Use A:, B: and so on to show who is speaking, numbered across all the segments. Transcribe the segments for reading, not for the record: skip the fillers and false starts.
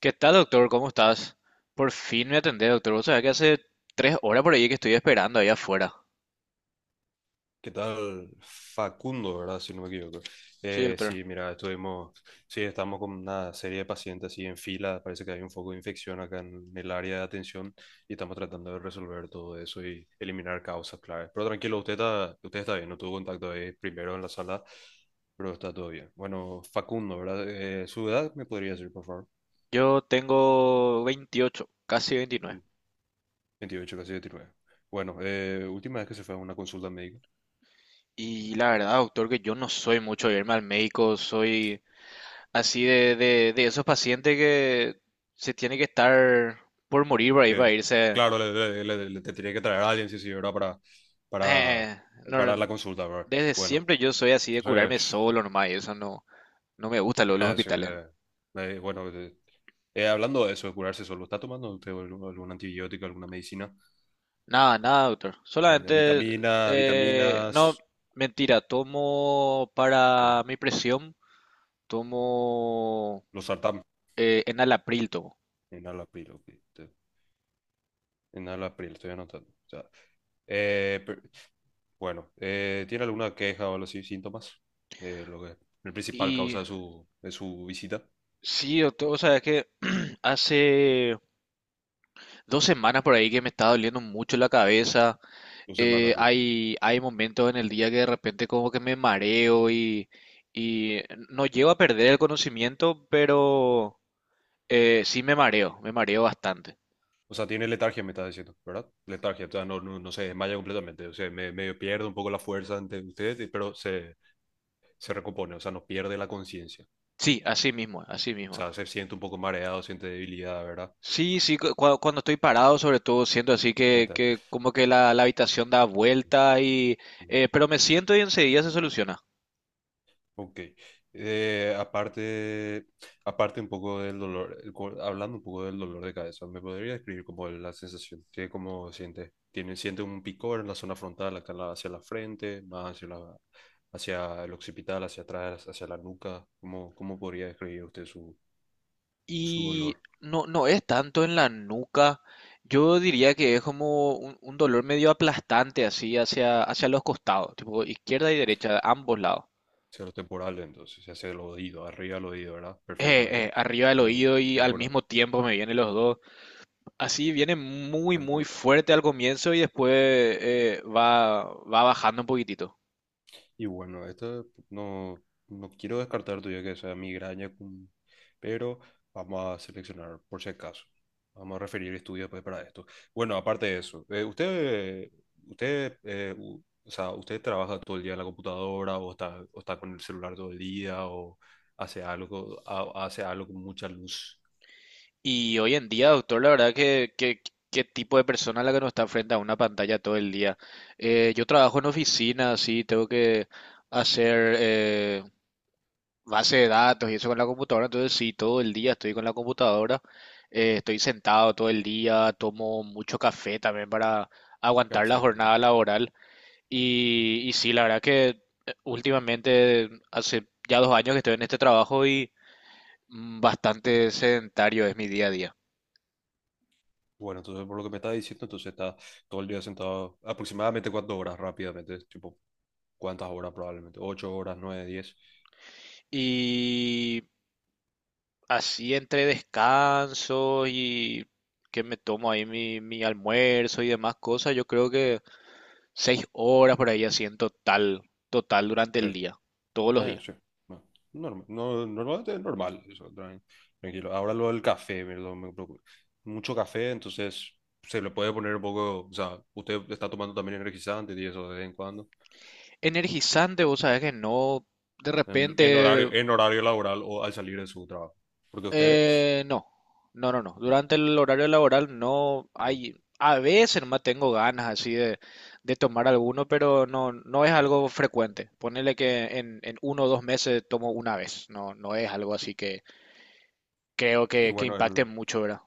A: ¿Qué tal, doctor? ¿Cómo estás? Por fin me atendés, doctor. Vos sabés que hace 3 horas por ahí que estoy esperando ahí afuera.
B: ¿Qué tal? Facundo, ¿verdad? Si no me equivoco.
A: Sí, doctor.
B: Sí, mira, sí, estamos con una serie de pacientes así en fila, parece que hay un foco de infección acá en el área de atención y estamos tratando de resolver todo eso y eliminar causas claves. Pero tranquilo, usted está bien, no tuvo contacto ahí primero en la sala, pero está todo bien. Bueno, Facundo, ¿verdad? ¿Su edad me podría decir, por favor?
A: Yo tengo 28, casi 29.
B: 28 casi 29. Bueno, última vez que se fue a una consulta médica.
A: Y la verdad, doctor, que yo no soy mucho de irme al médico. Soy así de esos pacientes que se tiene que estar por morir por ahí para
B: que,
A: irse.
B: claro, te tenía que traer a alguien, sí, sí, ¿verdad? Para,
A: Eh, no,
B: para la consulta, ¿verdad?
A: desde
B: Bueno,
A: siempre yo soy así de
B: entonces,
A: curarme solo nomás. Y eso no, no me gusta lo de los
B: nada, sí,
A: hospitales.
B: bueno, hablando de eso, de curarse solo. ¿Está tomando usted algún antibiótico, alguna medicina?
A: Nada, nada, doctor.
B: Nada, de
A: Solamente, no,
B: Vitaminas,
A: mentira, tomo para
B: em,
A: mi presión, tomo
B: losartán,
A: enalapril, tomo.
B: enalapril, ok, te- enalapril, estoy anotando. O sea, eh, per- bueno, ¿tiene alguna queja o algo así, síntomas? Lo que, la principal causa
A: Y
B: de su visita,
A: sí, doctor, o sea, es que hace 2 semanas por ahí que me está doliendo mucho la cabeza.
B: dos
A: Eh,
B: semanas.
A: hay, hay momentos en el día que de repente como que me mareo y no llego a perder el conocimiento, pero sí me mareo bastante.
B: O sea, tiene letargia, me estás diciendo, ¿verdad? Letargia, o sea, no, no, no se desmaya completamente, o sea, medio pierde un poco la fuerza ante ustedes, pero se recompone, o sea, no pierde la conciencia.
A: Sí, así mismo, así
B: O
A: mismo.
B: sea, se siente un poco mareado, siente debilidad, ¿verdad?
A: Sí, sí, cuando estoy
B: Eh,
A: parado, sobre todo, siento así
B: Ahí
A: que,
B: está.
A: que como que la habitación da vuelta pero me siento y enseguida se soluciona.
B: Ok. Aparte aparte, un poco del dolor, hablando un poco del dolor de cabeza, ¿me podría describir como la sensación que como siente? ¿Tiene, siente un picor en la zona frontal, acá en hacia la frente, más hacia el occipital, hacia atrás, hacia la nuca? ¿Cómo podría describir usted su
A: Y
B: dolor?
A: no, no es tanto en la nuca. Yo diría que es como un dolor medio aplastante así hacia los costados, tipo izquierda y derecha, ambos lados.
B: Hacia lo temporal, entonces, hacia el oído, arriba del oído, ¿verdad?
A: Eh,
B: Perfectamente.
A: eh, arriba del
B: Mm,
A: oído y al
B: Temporal,
A: mismo tiempo me vienen los dos. Así viene muy, muy
B: temporal.
A: fuerte al comienzo y después va bajando un poquitito.
B: Y bueno, esto no, no quiero descartar todavía que sea migraña, pero vamos a seleccionar por si acaso. Vamos a referir estudios pues, para esto. Bueno, aparte de eso, o sea, usted trabaja todo el día en la computadora o está con el celular todo el día o hace algo con mucha luz.
A: Y hoy en día, doctor, la verdad qué tipo de persona la que no está frente a una pantalla todo el día. Yo trabajo en oficina, sí, tengo que hacer base de datos y eso con la computadora, entonces sí, todo el día estoy con la computadora, estoy sentado todo el día, tomo mucho café también para aguantar la
B: Café.
A: jornada laboral. Y sí, la verdad que últimamente, hace ya 2 años que estoy en este trabajo y bastante sedentario es mi día a día.
B: Bueno, entonces por lo que me está diciendo, entonces está todo el día sentado aproximadamente cuántas horas rápidamente, tipo, ¿cuántas horas probablemente? ¿8 horas, 9, 10?
A: Y así entre descansos y que me tomo ahí mi almuerzo y demás cosas, yo creo que 6 horas por ahí así en total, durante el
B: Pero,
A: día, todos los
B: bueno,
A: días.
B: sí. No, normal, no, normalmente es normal, eso, tranquilo. Ahora lo del café, ¿verdad? Me preocupa. Mucho café, entonces se le puede poner un poco, o sea, usted está tomando también energizante y eso de vez en cuando,
A: Energizante, vos sabés que no, de repente.
B: en horario laboral o al salir de su trabajo. Porque
A: No, no, no, no. Durante el horario laboral no
B: y,
A: hay, a veces más tengo ganas así de tomar alguno, pero no, no es
B: y-
A: algo frecuente. Ponele que en 1 o 2 meses tomo una vez, no, no es algo así que creo que
B: bueno,
A: impacte mucho, ¿verdad?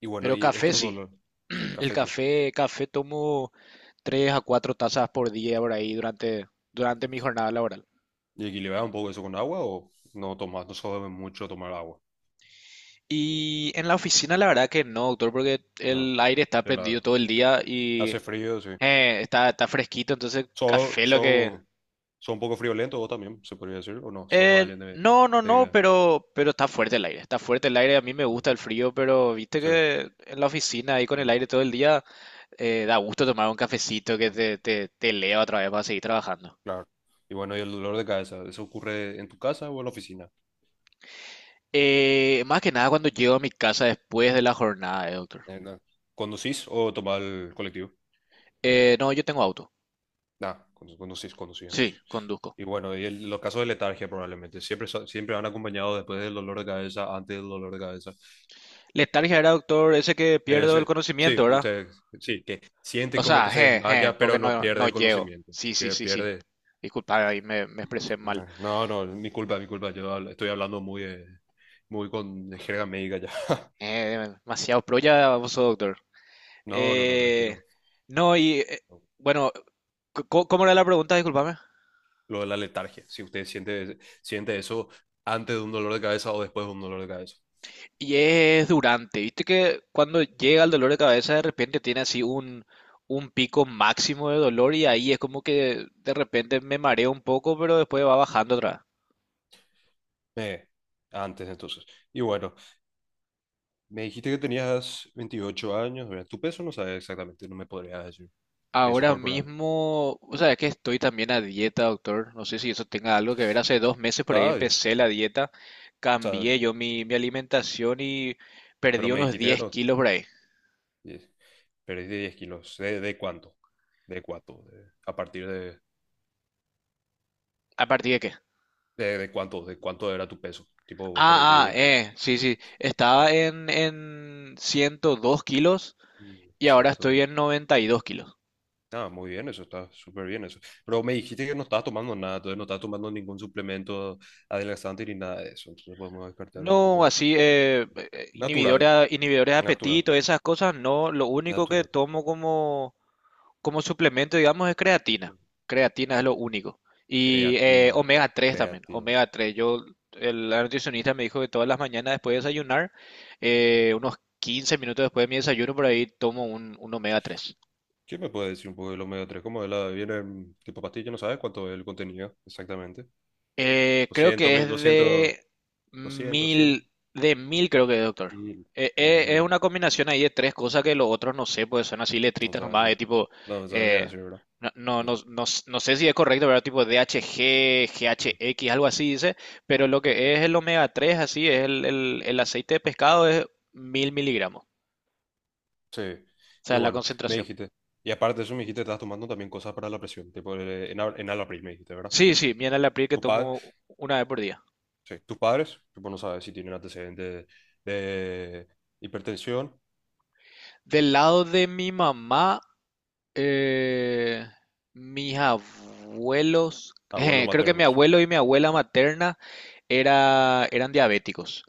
B: y bueno,
A: Pero
B: y
A: café
B: estos
A: sí,
B: dolores, sí,
A: el
B: café, sí.
A: café tomo 3 a 4 tazas por día por ahí durante mi jornada laboral.
B: ¿Y equilibra un poco eso con agua o no tomas, no sabe mucho tomar agua?
A: Y en la oficina la verdad que no, doctor, porque
B: No.
A: el aire está
B: De
A: prendido todo el día y
B: hace frío, sí.
A: está fresquito, entonces
B: Son,
A: café lo que...
B: son Son un poco friolentos vos también, se podría decir, o no, sos
A: Eh,
B: alguien de...
A: no, no, no,
B: de-
A: pero está fuerte el aire, está fuerte el aire, a mí me
B: mm,
A: gusta el frío, pero viste
B: sí,
A: que en la oficina ahí con el
B: mm,
A: aire todo el día da gusto tomar un cafecito que
B: mm,
A: te eleva otra vez para seguir trabajando.
B: claro. Y bueno, y el dolor de cabeza, ¿eso ocurre en tu casa o en la oficina?
A: Más que nada cuando llego a mi casa después de la jornada, doctor.
B: En la- ¿Conducís o tomás el colectivo?
A: No, yo tengo auto,
B: Nah, conducís, conducís entonces.
A: sí, conduzco.
B: Y bueno, los casos de letargia probablemente, siempre, siempre han acompañado después del dolor de cabeza, antes del dolor de cabeza.
A: Letargia era, doctor, ese que pierdo
B: Sí,
A: el conocimiento,
B: sí,
A: ¿verdad?
B: sí, que siente
A: O
B: como
A: sea,
B: que se
A: je, je,
B: desmaya,
A: porque
B: pero no
A: no,
B: pierde
A: no
B: el
A: llego.
B: conocimiento,
A: Sí, sí,
B: que
A: sí, sí.
B: pierde...
A: Disculpa, ahí me expresé mal.
B: No, no, mi culpa, mi culpa. Estoy hablando muy con jerga médica ya.
A: Demasiado pro ya, vos doctor.
B: No, no, no,
A: Eh,
B: tranquilo.
A: no, y bueno, ¿cómo era la pregunta? Disculpame.
B: Lo de la letargia. Si usted siente, siente eso antes de un dolor de cabeza o después de un dolor de cabeza.
A: Y es durante, viste que cuando llega el dolor de cabeza de repente tiene así un pico máximo de dolor y ahí es como que de repente me mareo un poco, pero después va bajando otra.
B: Eh, Antes entonces. Y bueno, me dijiste que tenías 28 años. Mira, tu peso no sabes exactamente, no me podrías decir. Peso
A: Ahora
B: corporal.
A: mismo, o sea, es que estoy también a dieta, doctor. No sé si eso tenga algo que ver. Hace 2 meses por ahí
B: Está bien.
A: empecé la dieta,
B: O sea,
A: cambié yo mi alimentación y
B: pero
A: perdí
B: me
A: unos
B: dijiste que
A: diez
B: no.
A: kilos por ahí.
B: Yes. Perdí 10 kilos. ¿De cuánto? ¿De cuánto? A partir de,
A: ¿A partir de qué?
B: ¿De cuánto? ¿De cuánto era tu peso? Tipo, vos perdiste
A: Ah, ah,
B: 10 kilos.
A: sí, sí. Estaba en 102 kilos
B: Mm.
A: y ahora estoy
B: Ciento...
A: en 92 kilos.
B: Ah, muy bien, eso está súper bien eso. Pero me dijiste que no estabas tomando nada, entonces no estabas tomando ningún suplemento adelgazante ni nada de eso. Entonces podemos descartar un
A: No,
B: poco.
A: así, eh, eh,
B: Natural,
A: inhibidora- inhibidores de
B: natural,
A: apetito, esas cosas, no. Lo único que
B: natural.
A: tomo como suplemento, digamos, es creatina. Creatina es lo único. Y
B: Creatina,
A: omega 3 también,
B: creatina.
A: omega 3. La nutricionista me dijo que todas las mañanas después de desayunar, unos 15 minutos después de mi desayuno, por ahí tomo un omega 3.
B: ¿Qué me puede decir un poco de los omega 3? ¿Cómo de la viene en tipo pastilla? ¿No sabes cuánto es el contenido exactamente?
A: Creo
B: Doscientos
A: que es
B: mil, doscientos,
A: de
B: 200 100
A: mil, mil creo que de doctor.
B: mil,
A: Es
B: mil.
A: una combinación ahí de tres cosas que los otros no sé, pues son así
B: No
A: letritas
B: sabes,
A: nomás, de
B: no.
A: tipo,
B: No me sabría
A: eh,
B: decir, ¿verdad?
A: no, no, no,
B: Ujú,
A: no sé si es correcto, pero tipo D H G G H
B: ujú,
A: X algo así dice, pero
B: ujú.
A: lo que es el omega 3 así, es el aceite de pescado es 1000 miligramos, o
B: Sí. Y
A: sea, la
B: bueno, me
A: concentración.
B: dijiste. Y aparte de eso, me dijiste, estás tomando también cosas para la presión, tipo en Alapril, me dijiste, ¿verdad?
A: Sí, sí, miel a la April que
B: Tu padre,
A: tomo una vez por día.
B: sí, tus padres, tipo, no sabes si tienen antecedentes de hipertensión,
A: Del lado de mi mamá, Eh, mis abuelos,
B: abuelos
A: creo que mi
B: maternos.
A: abuelo y mi abuela materna eran diabéticos.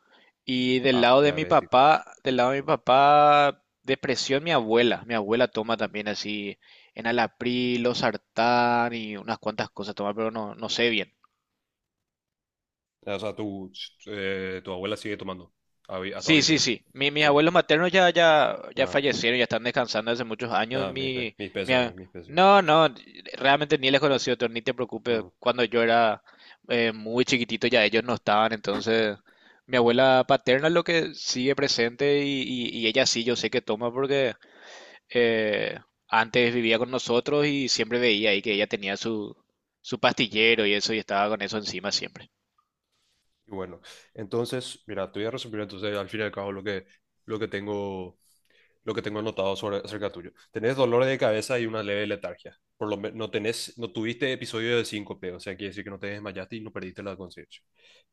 A: Y del
B: Ah,
A: lado de mi papá,
B: diabéticos.
A: del lado de mi papá, depresión mi abuela. Mi abuela toma también así enalapril, losartán y unas cuantas cosas toma, pero no, no sé bien.
B: O sea, tu abuela sigue tomando a hasta
A: Sí,
B: hoy en
A: sí,
B: día.
A: sí. Mis
B: Sí.
A: abuelos maternos ya, ya
B: Ah,
A: fallecieron, ya están descansando hace muchos años.
B: nada, mis
A: Mi a-
B: pesos, mis pesos.
A: no, no, realmente ni les conocí otro, ni te preocupes. Cuando yo era muy chiquitito ya ellos no estaban, entonces mi abuela paterna es lo que sigue presente y, y ella sí, yo sé que toma porque eh, antes vivía con nosotros y siempre veía ahí que ella tenía su pastillero y eso y estaba con eso encima siempre.
B: Y bueno, entonces, mira, te voy a resumir entonces al fin y al cabo lo que tengo, lo que tengo anotado sobre, acerca tuyo. Tenés dolor de cabeza y una leve letargia. Por lo menos no tenés, no tuviste episodio de síncope, o sea, quiere decir que no te desmayaste y no perdiste la conciencia.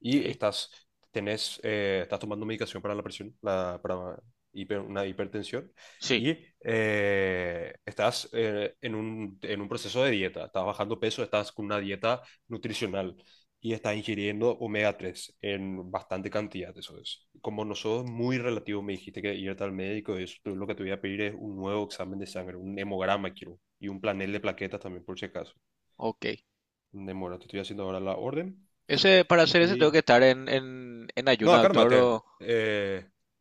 B: Y
A: Ok,
B: estás tomando medicación para la presión, para una hipertensión,
A: sí,
B: y en un proceso de dieta. Estás bajando peso, estás con una dieta nutricional y está ingiriendo omega 3 en bastante cantidad, eso es. Como nosotros muy relativo me dijiste que irte al médico, eso lo que te voy a pedir es un nuevo examen de sangre, un hemograma quiero, y un planel de plaquetas también por si acaso.
A: ok.
B: Demora, te estoy haciendo ahora la orden.
A: Ese, para hacer ese tengo
B: Y...
A: que estar en, en
B: No,
A: ayuna, doctor.
B: cálmate. Eh, eh,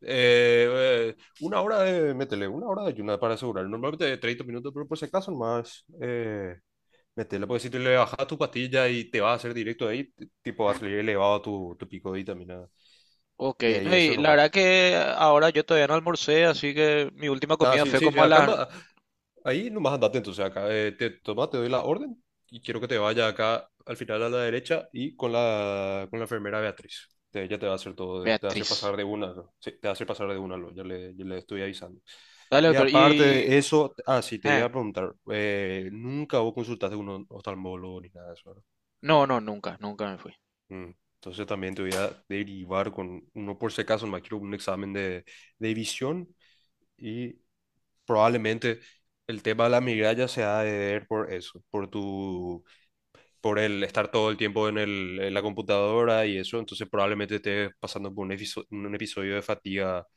B: eh, una hora de, métele, una hora de ayuno para asegurar. Normalmente de 30 minutos, pero por si acaso más, métele, porque si te le bajas tu pastilla y te va a hacer directo ahí, tipo va a salir elevado tu pico de vitamina.
A: Ok,
B: Y
A: no,
B: ahí eso
A: y la
B: nomás.
A: verdad que ahora yo todavía no almorcé, así que mi última
B: Ah,
A: comida
B: sí,
A: fue
B: sí, sí,
A: como a las.
B: ahí nomás andate entonces acá. Te doy la orden y quiero que te vaya acá al final a la derecha y con con la enfermera Beatriz. Ella te va a hacer todo, te va a hacer
A: Beatriz.
B: pasar de una, ¿no? Sí, te va a hacer pasar de una, ¿no? Ya le estoy avisando.
A: Dale,
B: Y
A: doctor.
B: aparte de eso, ah, sí, te iba
A: Eh,
B: a preguntar, nunca vos consultaste a un oftalmólogo ni nada de eso, ¿verdad?
A: No, no, nunca, nunca me fui.
B: Mm. Entonces también te voy a derivar con uno por si acaso, me quiero un examen de visión. Y probablemente el tema de la migraña se ha de ver por eso, por tu, por el estar todo el tiempo en en la computadora y eso, entonces probablemente estés pasando por un episodio de fatiga,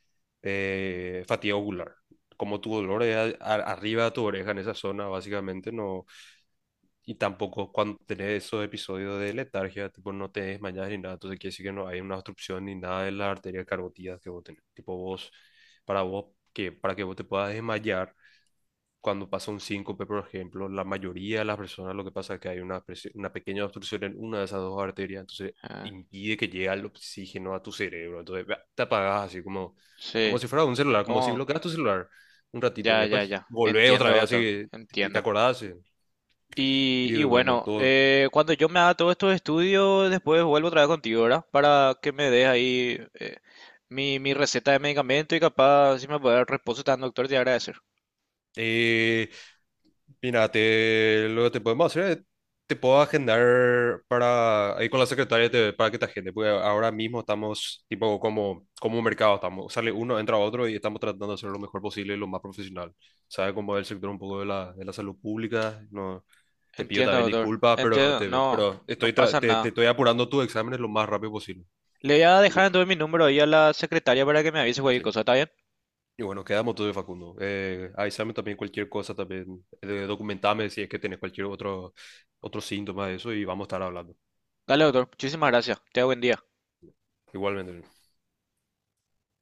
B: fatiga ocular. Como tu dolor es arriba de tu oreja en esa zona, básicamente, no, y tampoco cuando tenés esos episodios de letargia, tipo no te desmayas ni nada, entonces quiere decir que no hay una obstrucción ni nada de las arterias carotidas que vos tenés, tipo vos, para vos, que, para que vos te puedas desmayar cuando pasa un síncope, por ejemplo, la mayoría de las personas lo que pasa es que hay una, una pequeña obstrucción en una de esas dos arterias, entonces
A: Ah,
B: impide que llegue el oxígeno a tu cerebro, entonces bah, te apagas así como, como
A: sí,
B: si fuera un celular, como si
A: cómo,
B: bloqueas tu celular un ratito y
A: Ya, ya,
B: después
A: ya.
B: volvés
A: Entiendo,
B: otra vez
A: doctor.
B: así, te
A: Entiendo.
B: acordás.
A: Y,
B: Y
A: y
B: bueno, en
A: bueno,
B: todo.
A: cuando yo me haga todos estos estudios, después vuelvo otra vez contigo, ¿verdad? Para que me des ahí mi receta de medicamento y capaz si me puede dar reposo tan doctor, te agradecer.
B: Eh, Mira, lo que te podemos hacer es, te puedo agendar para, ahí con la secretaria para que te agende, porque ahora mismo estamos tipo como, como un mercado, estamos, sale uno, entra otro y estamos tratando de hacer lo mejor posible y lo más profesional. Sabes cómo es el sector un poco de de la salud pública, no, te pido
A: Entiendo,
B: también
A: doctor.
B: disculpas, pero
A: Entiendo.
B: te,
A: No,
B: pero
A: no
B: estoy,
A: pasa
B: te
A: nada.
B: estoy apurando tus exámenes lo más rápido posible.
A: Le voy a
B: Y
A: dejar
B: bueno,
A: entonces mi número ahí a la secretaria para que me avise cualquier
B: sí.
A: cosa, ¿está bien?
B: Y bueno, quedamos todo de Facundo. Avísame también cualquier cosa, también documentame si es que tenés cualquier otro, otro síntoma de eso y vamos a estar hablando.
A: Dale, doctor. Muchísimas gracias. Te buen día.
B: Igualmente.